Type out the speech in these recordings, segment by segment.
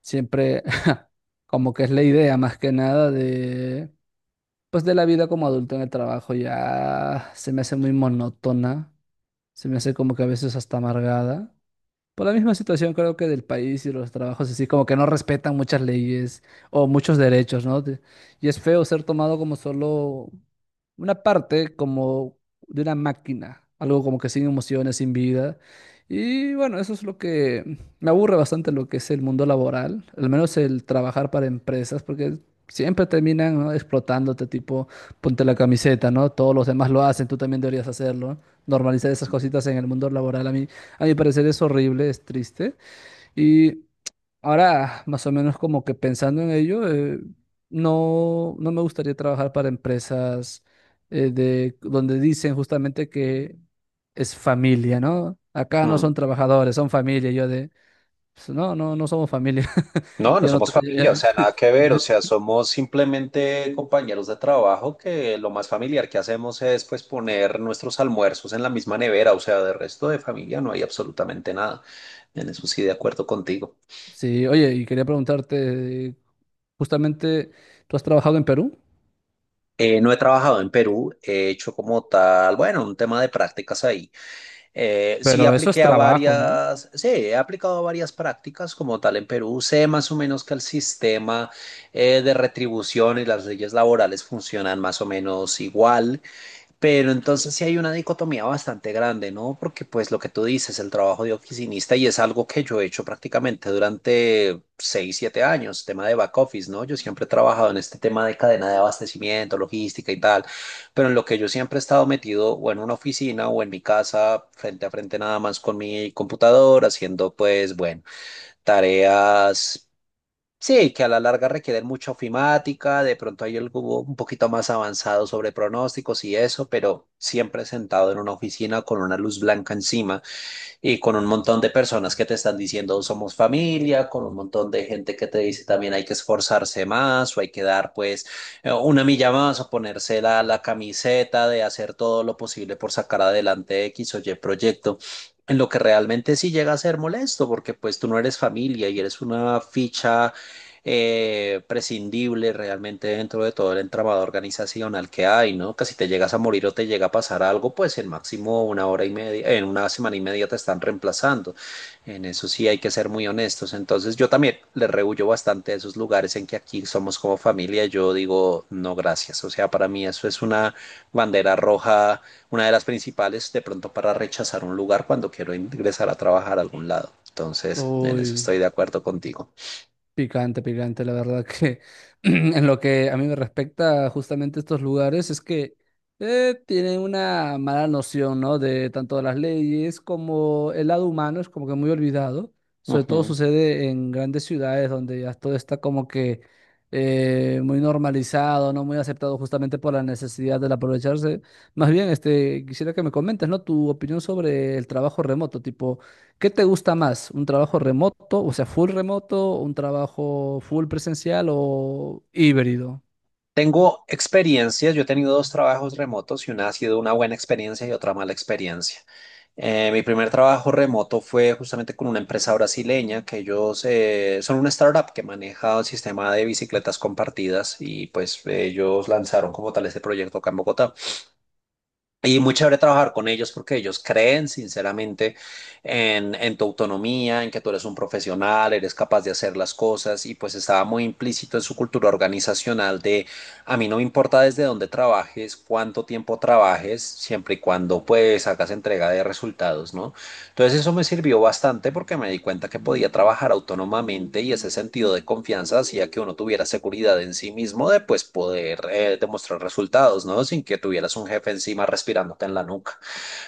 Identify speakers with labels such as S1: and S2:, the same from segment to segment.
S1: Siempre como que es la idea más que nada de, pues de la vida como adulto en el trabajo, ya se me hace muy monótona, se me hace como que a veces hasta amargada. Por la misma situación creo que del país y los trabajos así, como que no respetan muchas leyes o muchos derechos, ¿no? Y es feo ser tomado como solo una parte, como de una máquina, algo como que sin emociones, sin vida. Y bueno, eso es lo que me aburre bastante lo que es el mundo laboral, al menos el trabajar para empresas, porque siempre terminan, ¿no?, explotándote, tipo, ponte la camiseta, ¿no? Todos los demás lo hacen, tú también deberías hacerlo, ¿no? Normalizar esas cositas en el mundo laboral a mi parecer es horrible, es triste. Y ahora, más o menos como que pensando en ello, no me gustaría trabajar para empresas donde dicen justamente que es familia, ¿no? Acá no
S2: Mm.
S1: son trabajadores, son familia. Y yo de, pues, no somos familia.
S2: No, no
S1: Yo no...
S2: somos familia, o
S1: tra-
S2: sea, nada que ver, o sea,
S1: ya-
S2: somos simplemente compañeros de trabajo que lo más familiar que hacemos es pues poner nuestros almuerzos en la misma nevera, o sea, de resto de familia no hay absolutamente nada. En eso sí, de acuerdo contigo.
S1: Sí, oye, y quería preguntarte, justamente, tú has trabajado en Perú,
S2: No he trabajado en Perú, he hecho como tal, bueno, un tema de prácticas ahí. Sí
S1: pero eso es
S2: apliqué a
S1: trabajo, ¿no?
S2: varias, sí, he aplicado a varias prácticas como tal en Perú. Sé más o menos que el sistema de retribución y las leyes laborales funcionan más o menos igual. Pero entonces sí hay una dicotomía bastante grande, ¿no? Porque pues lo que tú dices, el trabajo de oficinista y es algo que yo he hecho prácticamente durante 6 7 años, tema de back office, ¿no? Yo siempre he trabajado en este tema de cadena de abastecimiento, logística y tal, pero en lo que yo siempre he estado metido o en una oficina o en mi casa, frente a frente nada más con mi computador, haciendo pues, bueno, tareas. Sí, que a la larga requieren mucha ofimática, de pronto hay algo un poquito más avanzado sobre pronósticos y eso, pero siempre sentado en una oficina con una luz blanca encima y con un montón de personas que te están diciendo somos familia, con un montón de gente que te dice también hay que esforzarse más o hay que dar pues una milla más o ponerse la camiseta de hacer todo lo posible por sacar adelante X o Y proyecto en lo que realmente sí llega a ser molesto, porque pues tú no eres familia y eres una ficha prescindible realmente dentro de todo el entramado organizacional que hay, ¿no? Que si te llegas a morir o te llega a pasar algo, pues en máximo una hora y media, en una semana y media te están reemplazando. En eso sí hay que ser muy honestos. Entonces yo también le rehuyo bastante a esos lugares en que aquí somos como familia. Yo digo, no, gracias. O sea, para mí eso es una bandera roja, una de las principales de pronto para rechazar un lugar cuando quiero ingresar a trabajar a algún lado. Entonces, en eso
S1: Uy.
S2: estoy de acuerdo contigo.
S1: Picante, picante, la verdad que en lo que a mí me respecta justamente estos lugares es que tienen una mala noción, ¿no?, de tanto de las leyes como el lado humano es como que muy olvidado. Sobre todo
S2: Ujú.
S1: sucede en grandes ciudades donde ya todo está como que muy normalizado, ¿no? Muy aceptado justamente por la necesidad del aprovecharse. Más bien, este, quisiera que me comentes, ¿no?, tu opinión sobre el trabajo remoto, tipo... ¿Qué te gusta más? ¿Un trabajo remoto, o sea, full remoto, un trabajo full presencial o híbrido?
S2: Tengo experiencias, yo he tenido dos trabajos remotos y una ha sido una buena experiencia y otra mala experiencia. Mi primer trabajo remoto fue justamente con una empresa brasileña que ellos son una startup que maneja un sistema de bicicletas compartidas y pues ellos lanzaron como tal este proyecto acá en Bogotá. Y muy chévere trabajar con ellos porque ellos creen sinceramente en tu autonomía, en que tú eres un profesional, eres capaz de hacer las cosas y pues estaba muy implícito en su cultura organizacional de a mí no me importa desde dónde trabajes, cuánto tiempo trabajes, siempre y cuando pues hagas entrega de resultados, ¿no? Entonces eso me sirvió bastante porque me di cuenta que podía trabajar autónomamente y ese sentido de confianza hacía que uno tuviera seguridad en sí mismo de pues poder demostrar resultados, ¿no? Sin que tuvieras un jefe encima respirándote en la nuca.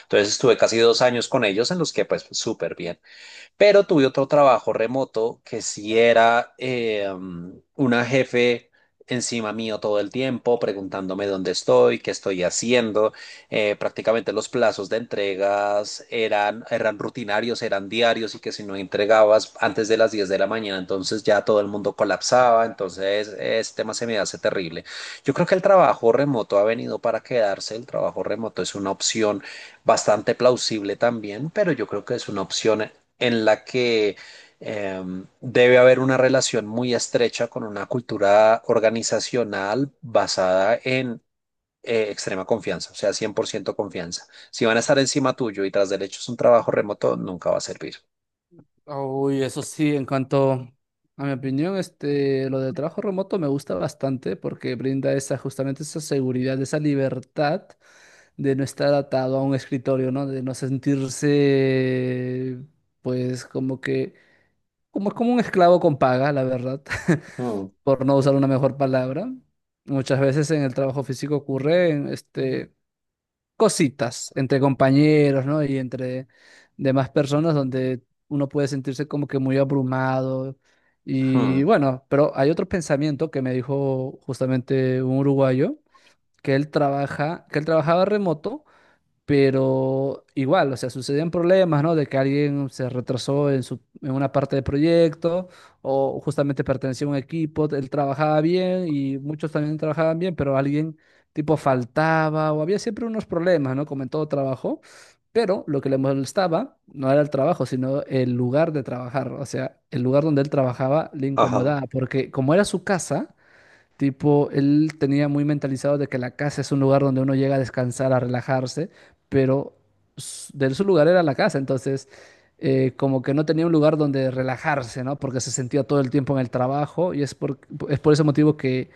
S2: Entonces estuve casi 2 años con ellos en los que pues súper bien. Pero tuve otro trabajo remoto que sí era una jefe encima mío todo el tiempo, preguntándome dónde estoy, qué estoy haciendo. Prácticamente los plazos de entregas eran rutinarios, eran diarios y que si no entregabas antes de las 10 de la mañana, entonces ya todo el mundo colapsaba. Entonces, este tema se me hace terrible. Yo creo que el trabajo remoto ha venido para quedarse. El trabajo remoto es una opción bastante plausible también, pero yo creo que es una opción en la que debe haber una relación muy estrecha con una cultura organizacional basada en extrema confianza, o sea, 100% confianza. Si van a estar encima tuyo y tras del hecho es un trabajo remoto, nunca va a servir.
S1: Uy, eso sí, en cuanto a mi opinión, este, lo del trabajo remoto me gusta bastante porque brinda esa, justamente esa seguridad, esa libertad de no estar atado a un escritorio, ¿no? De no sentirse, pues, como que como es como un esclavo con paga, la verdad,
S2: Mm,
S1: por no usar una mejor palabra. Muchas veces en el trabajo físico ocurren este, cositas entre compañeros, ¿no? Y entre demás personas donde uno puede sentirse como que muy abrumado. Y
S2: mm,
S1: bueno, pero hay otro pensamiento que me dijo justamente un uruguayo, que que él trabajaba remoto pero igual, o sea, sucedían problemas, ¿no? De que alguien se retrasó en su, en una parte del proyecto o justamente pertenecía a un equipo, él trabajaba bien y muchos también trabajaban bien, pero alguien tipo faltaba o había siempre unos problemas, ¿no? Como en todo trabajo, pero lo que le molestaba no era el trabajo, sino el lugar de trabajar, o sea, el lugar donde él trabajaba le
S2: ajá,
S1: incomodaba, porque como era su casa, tipo, él tenía muy mentalizado de que la casa es un lugar donde uno llega a descansar, a relajarse, pero de su lugar era la casa, entonces como que no tenía un lugar donde relajarse, ¿no? Porque se sentía todo el tiempo en el trabajo y es por ese motivo que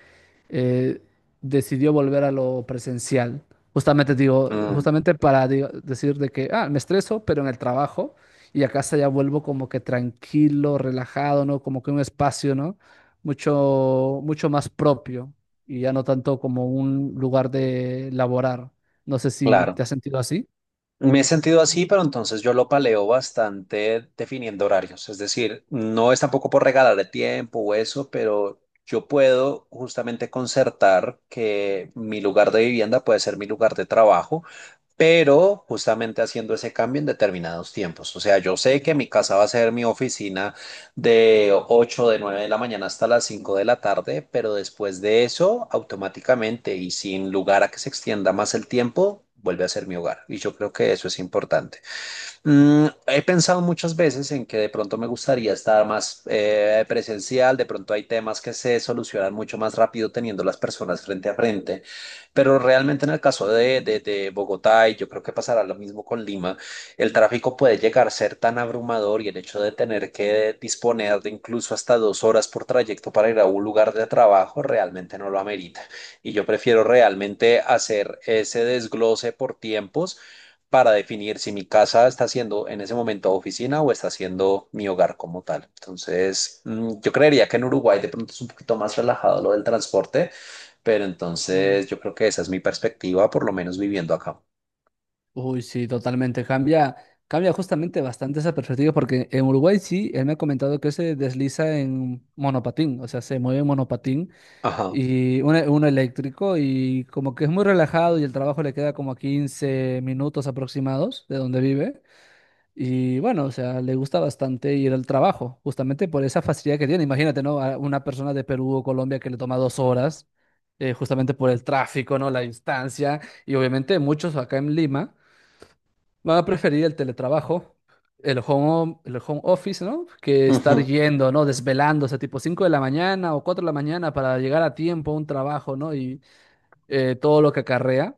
S1: eh, decidió volver a lo presencial.
S2: mm,
S1: Justamente decir de que, ah, me estreso, pero en el trabajo y a casa ya vuelvo como que tranquilo, relajado, ¿no? Como que un espacio, ¿no? Mucho, mucho más propio y ya no tanto como un lugar de laborar. No sé si
S2: claro.
S1: te has sentido así.
S2: Me he sentido así, pero entonces yo lo paleo bastante definiendo horarios. Es decir, no es tampoco por regalarle tiempo o eso, pero yo puedo justamente concertar que mi lugar de vivienda puede ser mi lugar de trabajo pero justamente haciendo ese cambio en determinados tiempos. O sea, yo sé que mi casa va a ser mi oficina de 8 de 9 de la mañana hasta las 5 de la tarde, pero después de eso, automáticamente y sin lugar a que se extienda más el tiempo, vuelve a ser mi hogar. Y yo creo que eso es importante. He pensado muchas veces en que de pronto me gustaría estar más presencial, de pronto hay temas que se solucionan mucho más rápido teniendo las personas frente a frente, pero realmente en el caso de Bogotá, y yo creo que pasará lo mismo con Lima, el tráfico puede llegar a ser tan abrumador y el hecho de tener que disponer de incluso hasta 2 horas por trayecto para ir a un lugar de trabajo realmente no lo amerita. Y yo prefiero realmente hacer ese desglose por tiempos para definir si mi casa está siendo en ese momento oficina o está siendo mi hogar como tal. Entonces, yo creería que en Uruguay de pronto es un poquito más relajado lo del transporte, pero
S1: Mm.
S2: entonces yo creo que esa es mi perspectiva, por lo menos viviendo acá.
S1: Uy, sí, totalmente. Cambia, cambia justamente bastante esa perspectiva porque en Uruguay sí, él me ha comentado que se desliza en monopatín, o sea, se mueve en monopatín
S2: Ajá.
S1: y uno, uno eléctrico y como que es muy relajado y el trabajo le queda como a 15 minutos aproximados de donde vive. Y bueno, o sea, le gusta bastante ir al trabajo, justamente por esa facilidad que tiene. Imagínate, ¿no? A una persona de Perú o Colombia que le toma dos horas, justamente por el tráfico, ¿no? La distancia. Y obviamente muchos acá en Lima van a preferir el teletrabajo, el home office, ¿no? Que estar
S2: Ujú,
S1: yendo, ¿no? Desvelándose, tipo 5 de la mañana o 4 de la mañana para llegar a tiempo a un trabajo, ¿no? Y todo lo que acarrea.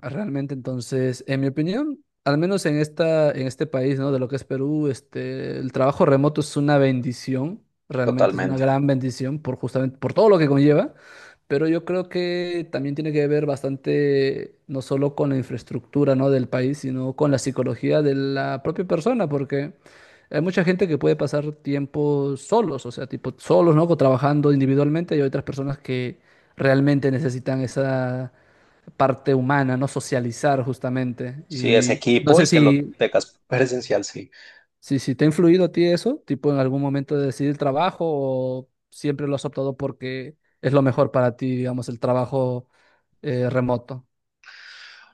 S1: Realmente, entonces, en mi opinión, al menos en esta, en este país, ¿no? De lo que es Perú, este, el trabajo remoto es una bendición, realmente es una
S2: totalmente.
S1: gran bendición por justamente por todo lo que conlleva, pero yo creo que también tiene que ver bastante no solo con la infraestructura, ¿no?, del país, sino con la psicología de la propia persona, porque hay mucha gente que puede pasar tiempo solos, o sea, tipo solos, ¿no? Trabajando individualmente, y hay otras personas que realmente necesitan esa parte humana, no socializar justamente.
S2: Sí, es
S1: Y no
S2: equipo
S1: sé
S2: y que lo
S1: si,
S2: tengas presencial, sí.
S1: si, si te ha influido a ti eso, tipo en algún momento de decidir trabajo o siempre lo has optado porque es lo mejor para ti, digamos, el trabajo remoto.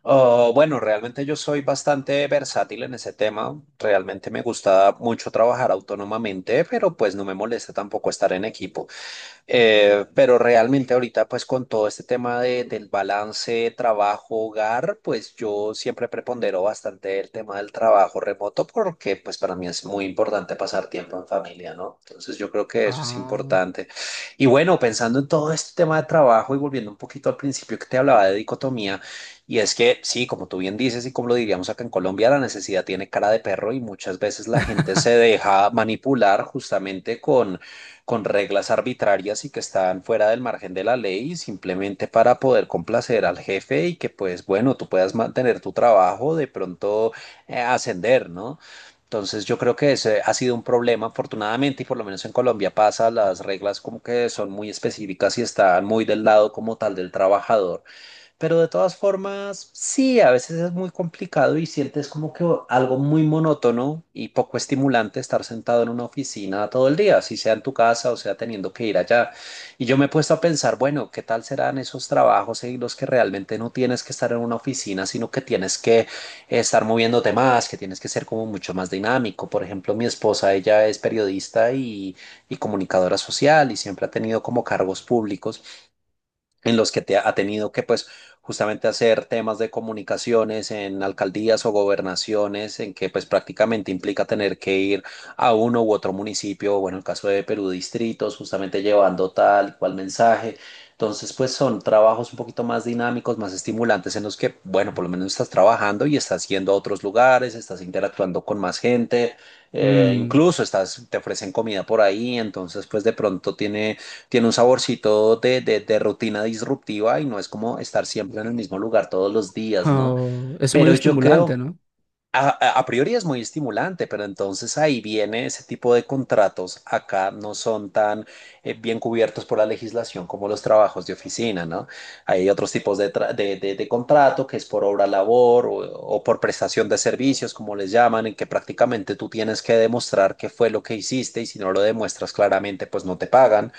S2: Oh, bueno, realmente yo soy bastante versátil en ese tema. Realmente me gusta mucho trabajar autónomamente, pero pues no me molesta tampoco estar en equipo. Pero realmente ahorita, pues con todo este tema del balance trabajo-hogar, pues yo siempre prepondero bastante el tema del trabajo remoto porque pues para mí es muy importante pasar tiempo en familia, ¿no? Entonces yo creo que eso es
S1: Ah,
S2: importante. Y bueno, pensando en todo este tema de trabajo y volviendo un poquito al principio que te hablaba de dicotomía, y es que sí, como tú bien dices y como lo diríamos acá en Colombia, la necesidad tiene cara de perro y muchas veces la gente se deja manipular justamente con reglas arbitrarias y que están fuera del margen de la ley simplemente para poder complacer al jefe y que pues bueno, tú puedas mantener tu trabajo, de pronto ascender, ¿no? Entonces yo creo que ese ha sido un problema, afortunadamente, y por lo menos en Colombia pasa, las reglas como que son muy específicas y están muy del lado como tal del trabajador. Pero de todas formas, sí, a veces es muy complicado y sientes como que algo muy monótono y poco estimulante estar sentado en una oficina todo el día, si sea en tu casa o sea teniendo que ir allá. Y yo me he puesto a pensar, bueno, ¿qué tal serán esos trabajos en los que realmente no tienes que estar en una oficina, sino que tienes que estar moviéndote más, que tienes que ser como mucho más dinámico? Por ejemplo, mi esposa, ella es periodista y comunicadora social y siempre ha tenido como cargos públicos en los que te ha tenido que, pues, justamente hacer temas de comunicaciones en alcaldías o gobernaciones, en que, pues, prácticamente implica tener que ir a uno u otro municipio, o, bueno, en el caso de Perú, distritos, justamente llevando tal y cual mensaje. Entonces, pues, son trabajos un poquito más dinámicos, más estimulantes, en los que, bueno, por lo menos estás trabajando y estás yendo a otros lugares, estás interactuando con más gente,
S1: mm,
S2: incluso estás, te ofrecen comida por ahí, entonces, pues, de pronto tiene un saborcito de rutina disruptiva y no es como estar siempre en el mismo lugar todos los días, ¿no?
S1: oh, es muy
S2: Pero yo
S1: estimulante,
S2: creo
S1: ¿no?
S2: a, a priori es muy estimulante, pero entonces ahí viene ese tipo de contratos. Acá no son tan bien cubiertos por la legislación como los trabajos de oficina, ¿no? Hay otros tipos de, tra- de contrato que es por obra labor o por prestación de servicios, como les llaman, en que prácticamente tú tienes que demostrar qué fue lo que hiciste y si no lo demuestras claramente, pues no te pagan,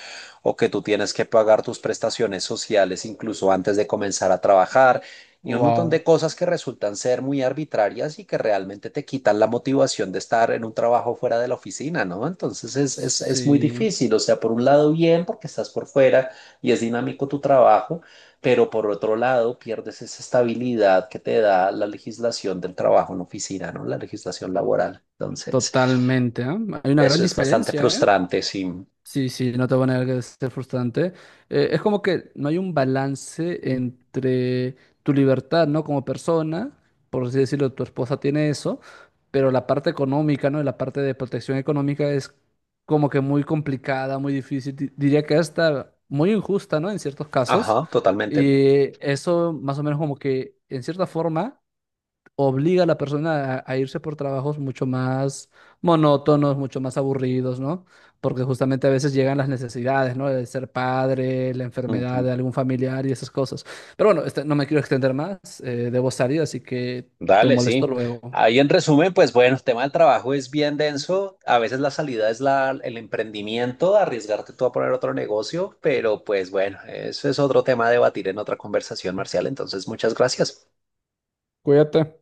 S2: o que tú tienes que pagar tus prestaciones sociales incluso antes de comenzar a trabajar y un montón de
S1: Wow.
S2: cosas que resultan ser muy arbitrarias y que realmente te quitan la motivación de estar en un trabajo fuera de la oficina, ¿no? Entonces es muy
S1: Sí,
S2: difícil, o sea, por un lado bien porque estás por fuera y es dinámico tu trabajo, pero por otro lado pierdes esa estabilidad que te da la legislación del trabajo en oficina, ¿no? La legislación laboral. Entonces,
S1: totalmente, ¿eh? Hay una gran
S2: eso es bastante
S1: diferencia, ¿eh?
S2: frustrante, sí.
S1: Sí, sí, no te voy a negar que es frustrante. Es como que no hay un balance entre tu libertad, ¿no?, como persona, por así decirlo, tu esposa tiene eso, pero la parte económica, ¿no? Y la parte de protección económica es como que muy complicada, muy difícil, diría que hasta muy injusta, ¿no? En ciertos casos.
S2: Ajá, totalmente.
S1: Y eso más o menos como que, en cierta forma obliga a la persona a irse por trabajos mucho más monótonos, mucho más aburridos, ¿no? Porque justamente a veces llegan las necesidades, ¿no? De ser padre, la enfermedad
S2: Ujú.
S1: de algún familiar y esas cosas. Pero bueno, este, no me quiero extender más, debo salir, así que te
S2: Dale,
S1: molesto
S2: sí.
S1: luego.
S2: Ahí en resumen, pues bueno, el tema del trabajo es bien denso. A veces la salida es la, el emprendimiento, arriesgarte tú a poner otro negocio, pero pues bueno, eso es otro tema a debatir en otra conversación, Marcial. Entonces, muchas gracias.
S1: Cuídate.